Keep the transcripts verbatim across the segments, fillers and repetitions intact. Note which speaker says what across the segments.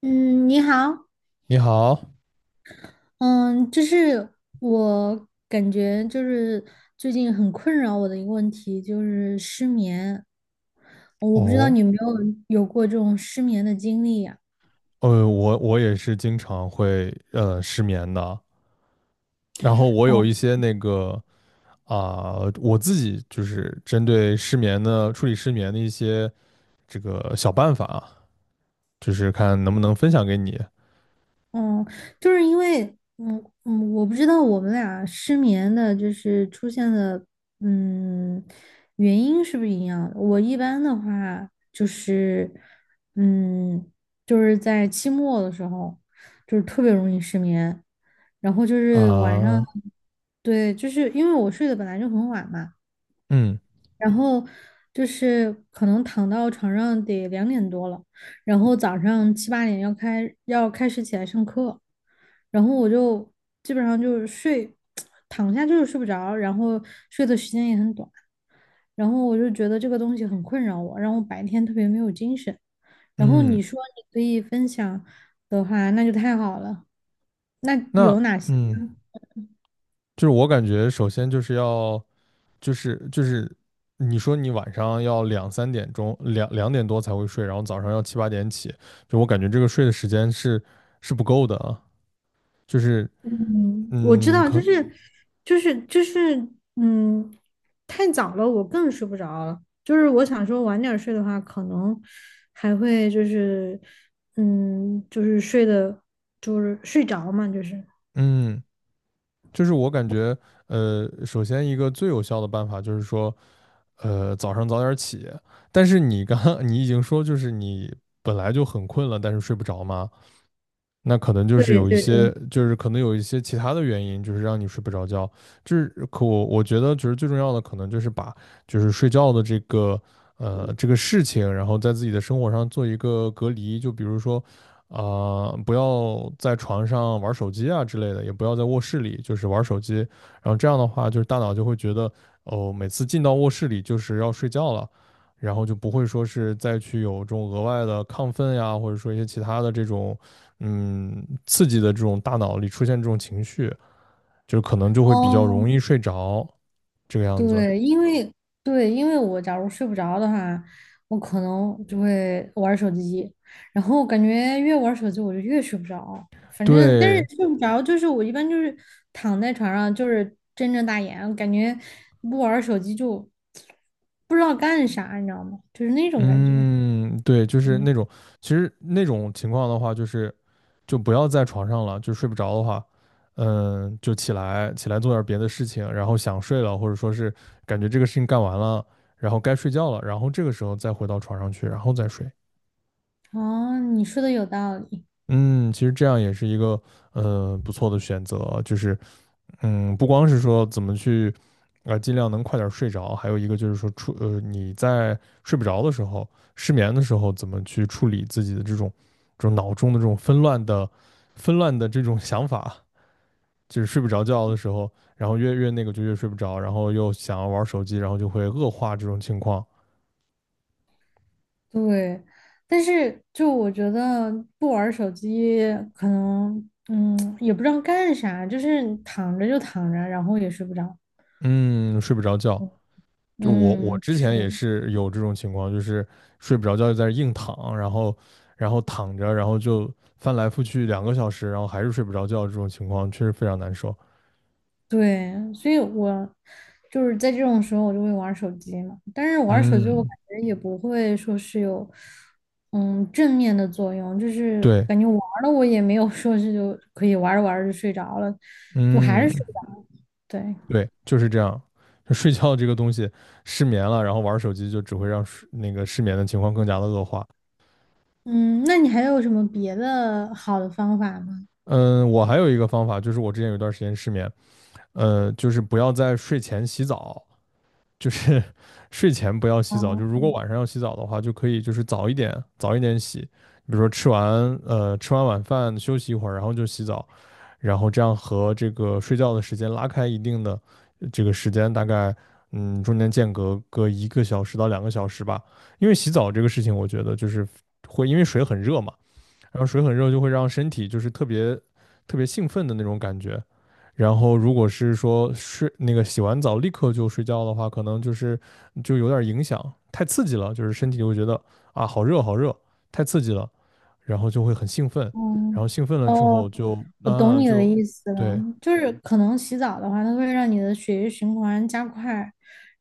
Speaker 1: 嗯，你好，
Speaker 2: 你好。
Speaker 1: 嗯，就是我感觉就是最近很困扰我的一个问题就是失眠，哦我不知道
Speaker 2: 哦，
Speaker 1: 你有没有有过这种失眠的经历呀？
Speaker 2: 呃，我我也是经常会呃失眠的。然后我有一些那个，啊、我自己就是针对失眠的，处理失眠的一些这个小办法啊，就是看能不能分享给你。
Speaker 1: 嗯，就是因为，嗯嗯，我不知道我们俩失眠的，就是出现的，嗯，原因是不是一样的？我一般的话就是，嗯，就是在期末的时候，就是特别容易失眠。然后就是晚上，
Speaker 2: 啊、
Speaker 1: 对，就是因为我睡得本来就很晚嘛，
Speaker 2: 嗯
Speaker 1: 然后就是可能躺到床上得两点多了，然后早上七八点要开要开始起来上课，然后我就基本上就是睡，躺下就是睡不着，然后睡的时间也很短，然后我就觉得这个东西很困扰我，让我白天特别没有精神。然后
Speaker 2: 嗯，
Speaker 1: 你说你可以分享的话，那就太好了。那
Speaker 2: 那
Speaker 1: 有哪些？
Speaker 2: 嗯。就是我感觉，首先就是要，就是就是你说你晚上要两三点钟，两两点多才会睡，然后早上要七八点起，就我感觉这个睡的时间是是不够的啊。就是
Speaker 1: 嗯，我知
Speaker 2: 嗯，
Speaker 1: 道，就
Speaker 2: 可
Speaker 1: 是就是就是，嗯，太早了，我更睡不着了。就是我想说晚点儿睡的话，可能还会就是，嗯，就是睡的，就是睡着嘛，就是。
Speaker 2: 嗯，就是我感觉，呃，首先一个最有效的办法就是说，呃，早上早点起。但是你刚 你已经说，就是你本来就很困了，但是睡不着吗？那可能就
Speaker 1: 对
Speaker 2: 是有一
Speaker 1: 对
Speaker 2: 些，
Speaker 1: 对。
Speaker 2: 就是可能有一些其他的原因，就是让你睡不着觉。就是可我我觉得，就是最重要的，可能就是把就是睡觉的这个，呃这个事情，然后在自己的生活上做一个隔离。就比如说，啊、不要在床上玩手机啊之类的，也不要在卧室里就是玩手机。然后这样的话，就是大脑就会觉得，哦，每次进到卧室里就是要睡觉了。然后就不会说是再去有这种额外的亢奋呀，或者说一些其他的这种嗯刺激的这种大脑里出现这种情绪，就可能就会比较
Speaker 1: 哦，
Speaker 2: 容易睡着，这个样子。
Speaker 1: 对，因为对，因为我假如睡不着的话，我可能就会玩儿手机，然后感觉越玩儿手机我就越睡不着。反正，但是
Speaker 2: 对，
Speaker 1: 睡不着就是我一般就是躺在床上就是睁着大眼，感觉不玩儿手机就不知道干啥，你知道吗？就是那种感觉。
Speaker 2: 嗯，对，就是
Speaker 1: 嗯，
Speaker 2: 那种。其实那种情况的话，就是就不要在床上了，就睡不着的话，嗯，就起来起来做点别的事情，然后想睡了，或者说是感觉这个事情干完了，然后该睡觉了，然后这个时候再回到床上去，然后再睡。
Speaker 1: 哦，你说的有道理。
Speaker 2: 嗯，其实这样也是一个呃不错的选择。就是嗯，不光是说怎么去，呃，尽量能快点儿睡着，还有一个就是说处，呃，你在睡不着的时候、失眠的时候，怎么去处理自己的这种、这种脑中的这种纷乱的、纷乱的这种想法，就是睡不着觉的时候，然后越越那个就越睡不着，然后又想要玩手机，然后就会恶化这种情况。
Speaker 1: 对，但是就我觉得不玩儿手机，可能嗯也不知道干啥，就是躺着就躺着，然后也睡不着。
Speaker 2: 嗯，睡不着觉，就我我
Speaker 1: 嗯，
Speaker 2: 之前也
Speaker 1: 是，
Speaker 2: 是有这种情况，就是睡不着觉就在那儿硬躺，然后然后躺着，然后就翻来覆去两个小时，然后还是睡不着觉，这种情况确实非常难受。
Speaker 1: 对，所以我就是在这种时候我就会玩儿手机嘛，但是玩儿手机我
Speaker 2: 嗯，
Speaker 1: 感觉也不会说是有嗯正面的作用，就是
Speaker 2: 对，
Speaker 1: 感觉玩儿了我也没有说是就可以玩儿着玩儿着就睡着了，就还是睡
Speaker 2: 嗯，
Speaker 1: 不着。对，
Speaker 2: 对，就是这样。就睡觉这个东西，失眠了，然后玩手机就只会让睡那个失眠的情况更加的恶化。
Speaker 1: 嗯，那你还有什么别的好的方法吗？
Speaker 2: 嗯，我还有一个方法，就是我之前有一段时间失眠，呃，就是不要在睡前洗澡，就是 睡前不要洗澡，就
Speaker 1: 哦，
Speaker 2: 如果晚上要洗澡的话，就可以就是早一点，早一点洗。比如说吃完呃吃完晚饭休息一会儿，然后就洗澡，然后这样和这个睡觉的时间拉开一定的，呃这个时间，大概嗯中间间隔个一个小时到两个小时吧。因为洗澡这个事情，我觉得就是会因为水很热嘛，然后水很热就会让身体就是特别特别兴奋的那种感觉。然后如果是说睡那个洗完澡立刻就睡觉的话，可能就是就有点影响，太刺激了，就是身体就会觉得啊好热好热，太刺激了，然后就会很兴奋，
Speaker 1: 嗯，
Speaker 2: 然后兴奋了之
Speaker 1: 哦，
Speaker 2: 后就
Speaker 1: 我懂
Speaker 2: 啊
Speaker 1: 你的
Speaker 2: 就
Speaker 1: 意思了，
Speaker 2: 对。
Speaker 1: 就是可能洗澡的话，它会让你的血液循环加快，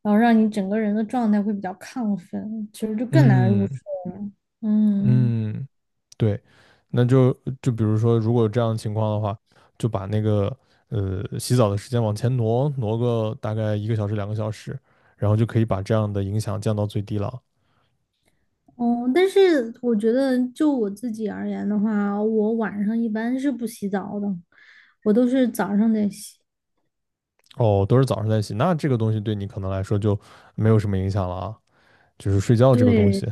Speaker 1: 然后让你整个人的状态会比较亢奋，其实就更难入
Speaker 2: 嗯
Speaker 1: 睡。嗯，
Speaker 2: 嗯。对，那就就比如说，如果有这样的情况的话，就把那个呃洗澡的时间往前挪，挪个大概一个小时、两个小时，然后就可以把这样的影响降到最低了。
Speaker 1: 哦，但是我觉得就我自己而言的话，我晚上一般是不洗澡的，我都是早上得洗。
Speaker 2: 哦，都是早上在洗，那这个东西对你可能来说就没有什么影响了啊。就是睡觉这个东
Speaker 1: 对，
Speaker 2: 西，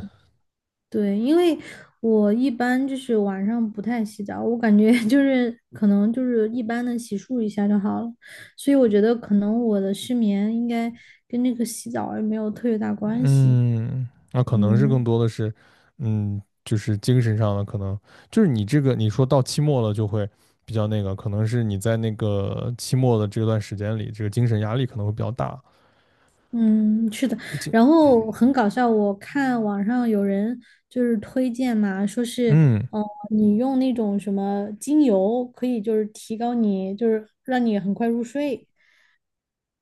Speaker 1: 对，因为我一般就是晚上不太洗澡，我感觉 就是可能就是一般的洗漱一下就好了，所以我觉得可能我的失眠应该跟那个洗澡也没有特别大关系。
Speaker 2: 嗯，那可能是更
Speaker 1: 嗯
Speaker 2: 多的是，嗯，就是精神上的，可能就是你这个你说到期末了就会比较那个，可能是你在那个期末的这段时间里，这个精神压力可能会比较大。
Speaker 1: 嗯，是的。
Speaker 2: 就
Speaker 1: 然后很搞笑，我看网上有人就是推荐嘛，说是
Speaker 2: 嗯
Speaker 1: 哦、呃你用那种什么精油可以就是提高你，就是让你很快入睡。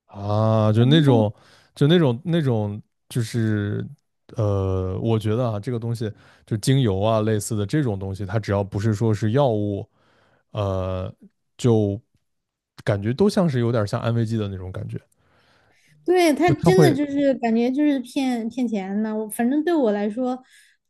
Speaker 2: 啊，就
Speaker 1: 然
Speaker 2: 那
Speaker 1: 后
Speaker 2: 种，就那种那种，就是呃，我觉得啊，这个东西就精油啊类似的这种东西，它只要不是说是药物，呃，就感觉都像是有点像安慰剂的那种感觉，
Speaker 1: 对，他
Speaker 2: 就它
Speaker 1: 真的
Speaker 2: 会
Speaker 1: 就是感觉就是骗骗钱的，我反正对我来说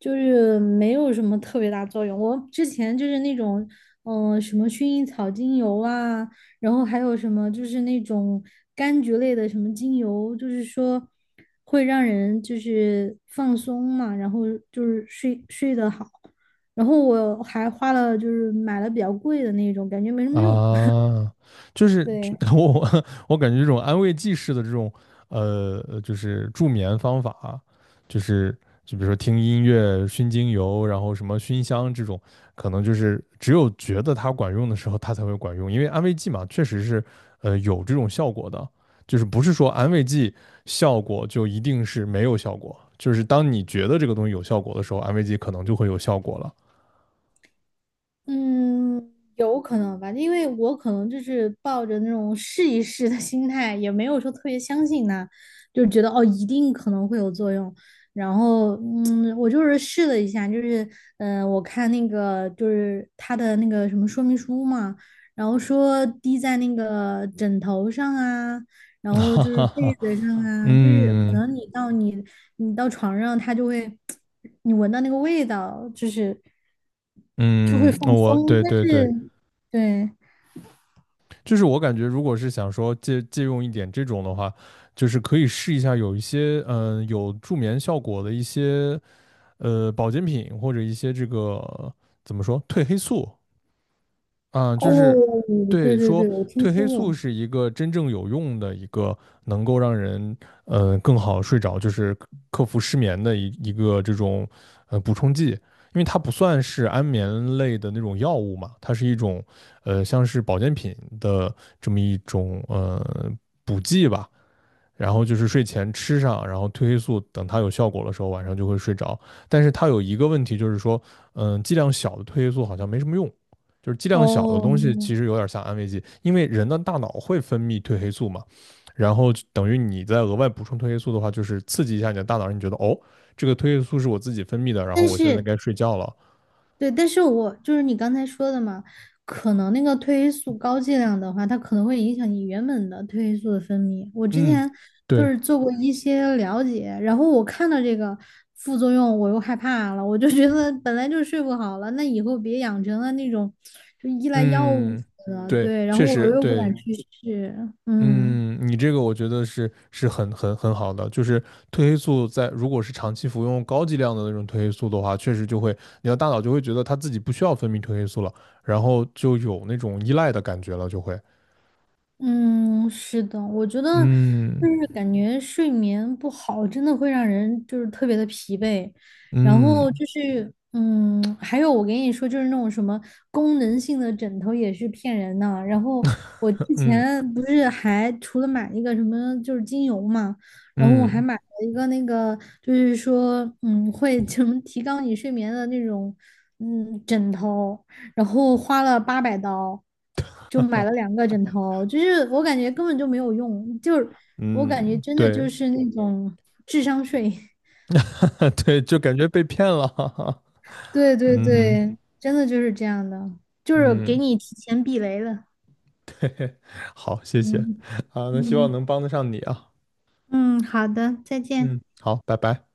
Speaker 1: 就是没有什么特别大作用。我之前就是那种嗯、呃什么薰衣草精油啊，然后还有什么就是那种柑橘类的什么精油，就是说会让人就是放松嘛，然后就是睡睡得好。然后我还花了就是买了比较贵的那种，感觉没什么用。
Speaker 2: 啊，就 是
Speaker 1: 对。
Speaker 2: 我我感觉这种安慰剂式的这种，呃，呃就是助眠方法，就是就比如说听音乐、熏精油，然后什么熏香这种，可能就是只有觉得它管用的时候，它才会管用。因为安慰剂嘛，确实是呃有这种效果的，就是不是说安慰剂效果就一定是没有效果，就是当你觉得这个东西有效果的时候，安慰剂可能就会有效果了。
Speaker 1: 嗯，有可能吧，因为我可能就是抱着那种试一试的心态，也没有说特别相信它，就觉得哦，一定可能会有作用。然后，嗯，我就是试了一下，就是，嗯、我看那个就是它的那个什么说明书嘛，然后说滴在那个枕头上啊，然 后
Speaker 2: 哈
Speaker 1: 就是
Speaker 2: 哈
Speaker 1: 被
Speaker 2: 哈。
Speaker 1: 子上啊，就是可
Speaker 2: 嗯。
Speaker 1: 能你到你你到床上，它就会 你闻到那个味道，就是。就会
Speaker 2: 嗯，
Speaker 1: 放
Speaker 2: 我
Speaker 1: 松。
Speaker 2: 对
Speaker 1: 但
Speaker 2: 对对，
Speaker 1: 是，对，
Speaker 2: 就是我感觉，如果是想说借借用一点这种的话，就是可以试一下有一些嗯、呃有助眠效果的一些呃保健品，或者一些这个怎么说褪黑素，嗯，就
Speaker 1: 哦，
Speaker 2: 是
Speaker 1: 对
Speaker 2: 对
Speaker 1: 对
Speaker 2: 说
Speaker 1: 对，我听
Speaker 2: 褪
Speaker 1: 说
Speaker 2: 黑素
Speaker 1: 过。
Speaker 2: 是一个真正有用的一个，能够让人呃更好睡着，就是克服失眠的一一个这种呃补充剂，因为它不算是安眠类的那种药物嘛，它是一种呃像是保健品的这么一种呃补剂吧。然后就是睡前吃上，然后褪黑素等它有效果的时候，晚上就会睡着。但是它有一个问题，就是说，嗯，剂量小的褪黑素好像没什么用，就是剂量小的
Speaker 1: 哦，
Speaker 2: 东西其实有点像安慰剂，因为人的大脑会分泌褪黑素嘛，然后等于你再额外补充褪黑素的话，就是刺激一下你的大脑，让你觉得哦，这个褪黑素是我自己分泌的，然后
Speaker 1: 但
Speaker 2: 我现在
Speaker 1: 是
Speaker 2: 该睡觉了。
Speaker 1: 对，但是我就是你刚才说的嘛，可能那个褪黑素高剂量的话，它可能会影响你原本的褪黑素的分泌。我之
Speaker 2: 嗯，
Speaker 1: 前就
Speaker 2: 对，
Speaker 1: 是做过一些了解，然后我看到这个副作用，我又害怕了，我就觉得本来就睡不好了，那以后别养成了那种就依赖药物
Speaker 2: 嗯，
Speaker 1: 的，
Speaker 2: 对，
Speaker 1: 对，然后
Speaker 2: 确
Speaker 1: 我
Speaker 2: 实
Speaker 1: 又不
Speaker 2: 对。
Speaker 1: 敢去试，嗯。
Speaker 2: 嗯，你这个我觉得是是很很很好的，就是褪黑素，在如果是长期服用高剂量的那种褪黑素的话，确实就会你的大脑就会觉得它自己不需要分泌褪黑素了，然后就有那种依赖的感觉了，就会，
Speaker 1: 嗯，是的，我觉得就
Speaker 2: 嗯
Speaker 1: 是感觉睡眠不好，真的会让人就是特别的疲惫。然后
Speaker 2: 嗯
Speaker 1: 就是，嗯，还有我跟你说，就是那种什么功能性的枕头也是骗人的。然后我之
Speaker 2: 嗯
Speaker 1: 前不是还除了买一个什么就是精油嘛，然后我还
Speaker 2: 嗯。
Speaker 1: 买了一个那个就是说，嗯，会 什么提高你睡眠的那种，嗯，枕头。然后花了八百刀，就
Speaker 2: 哈
Speaker 1: 买
Speaker 2: 哈。
Speaker 1: 了两个枕头，就是我感觉根本就没有用，就是我感觉
Speaker 2: 嗯，
Speaker 1: 真的
Speaker 2: 对
Speaker 1: 就是那种智商税。
Speaker 2: 对，就感觉被骗了。哈哈。
Speaker 1: 对对
Speaker 2: 嗯
Speaker 1: 对，真的就是这样的，就是给
Speaker 2: 嗯。
Speaker 1: 你提前避雷了。
Speaker 2: 好，谢谢，
Speaker 1: 嗯
Speaker 2: 啊，那希望
Speaker 1: 嗯
Speaker 2: 能帮得上你啊。
Speaker 1: 嗯，好的，再见。
Speaker 2: 嗯，好，拜拜。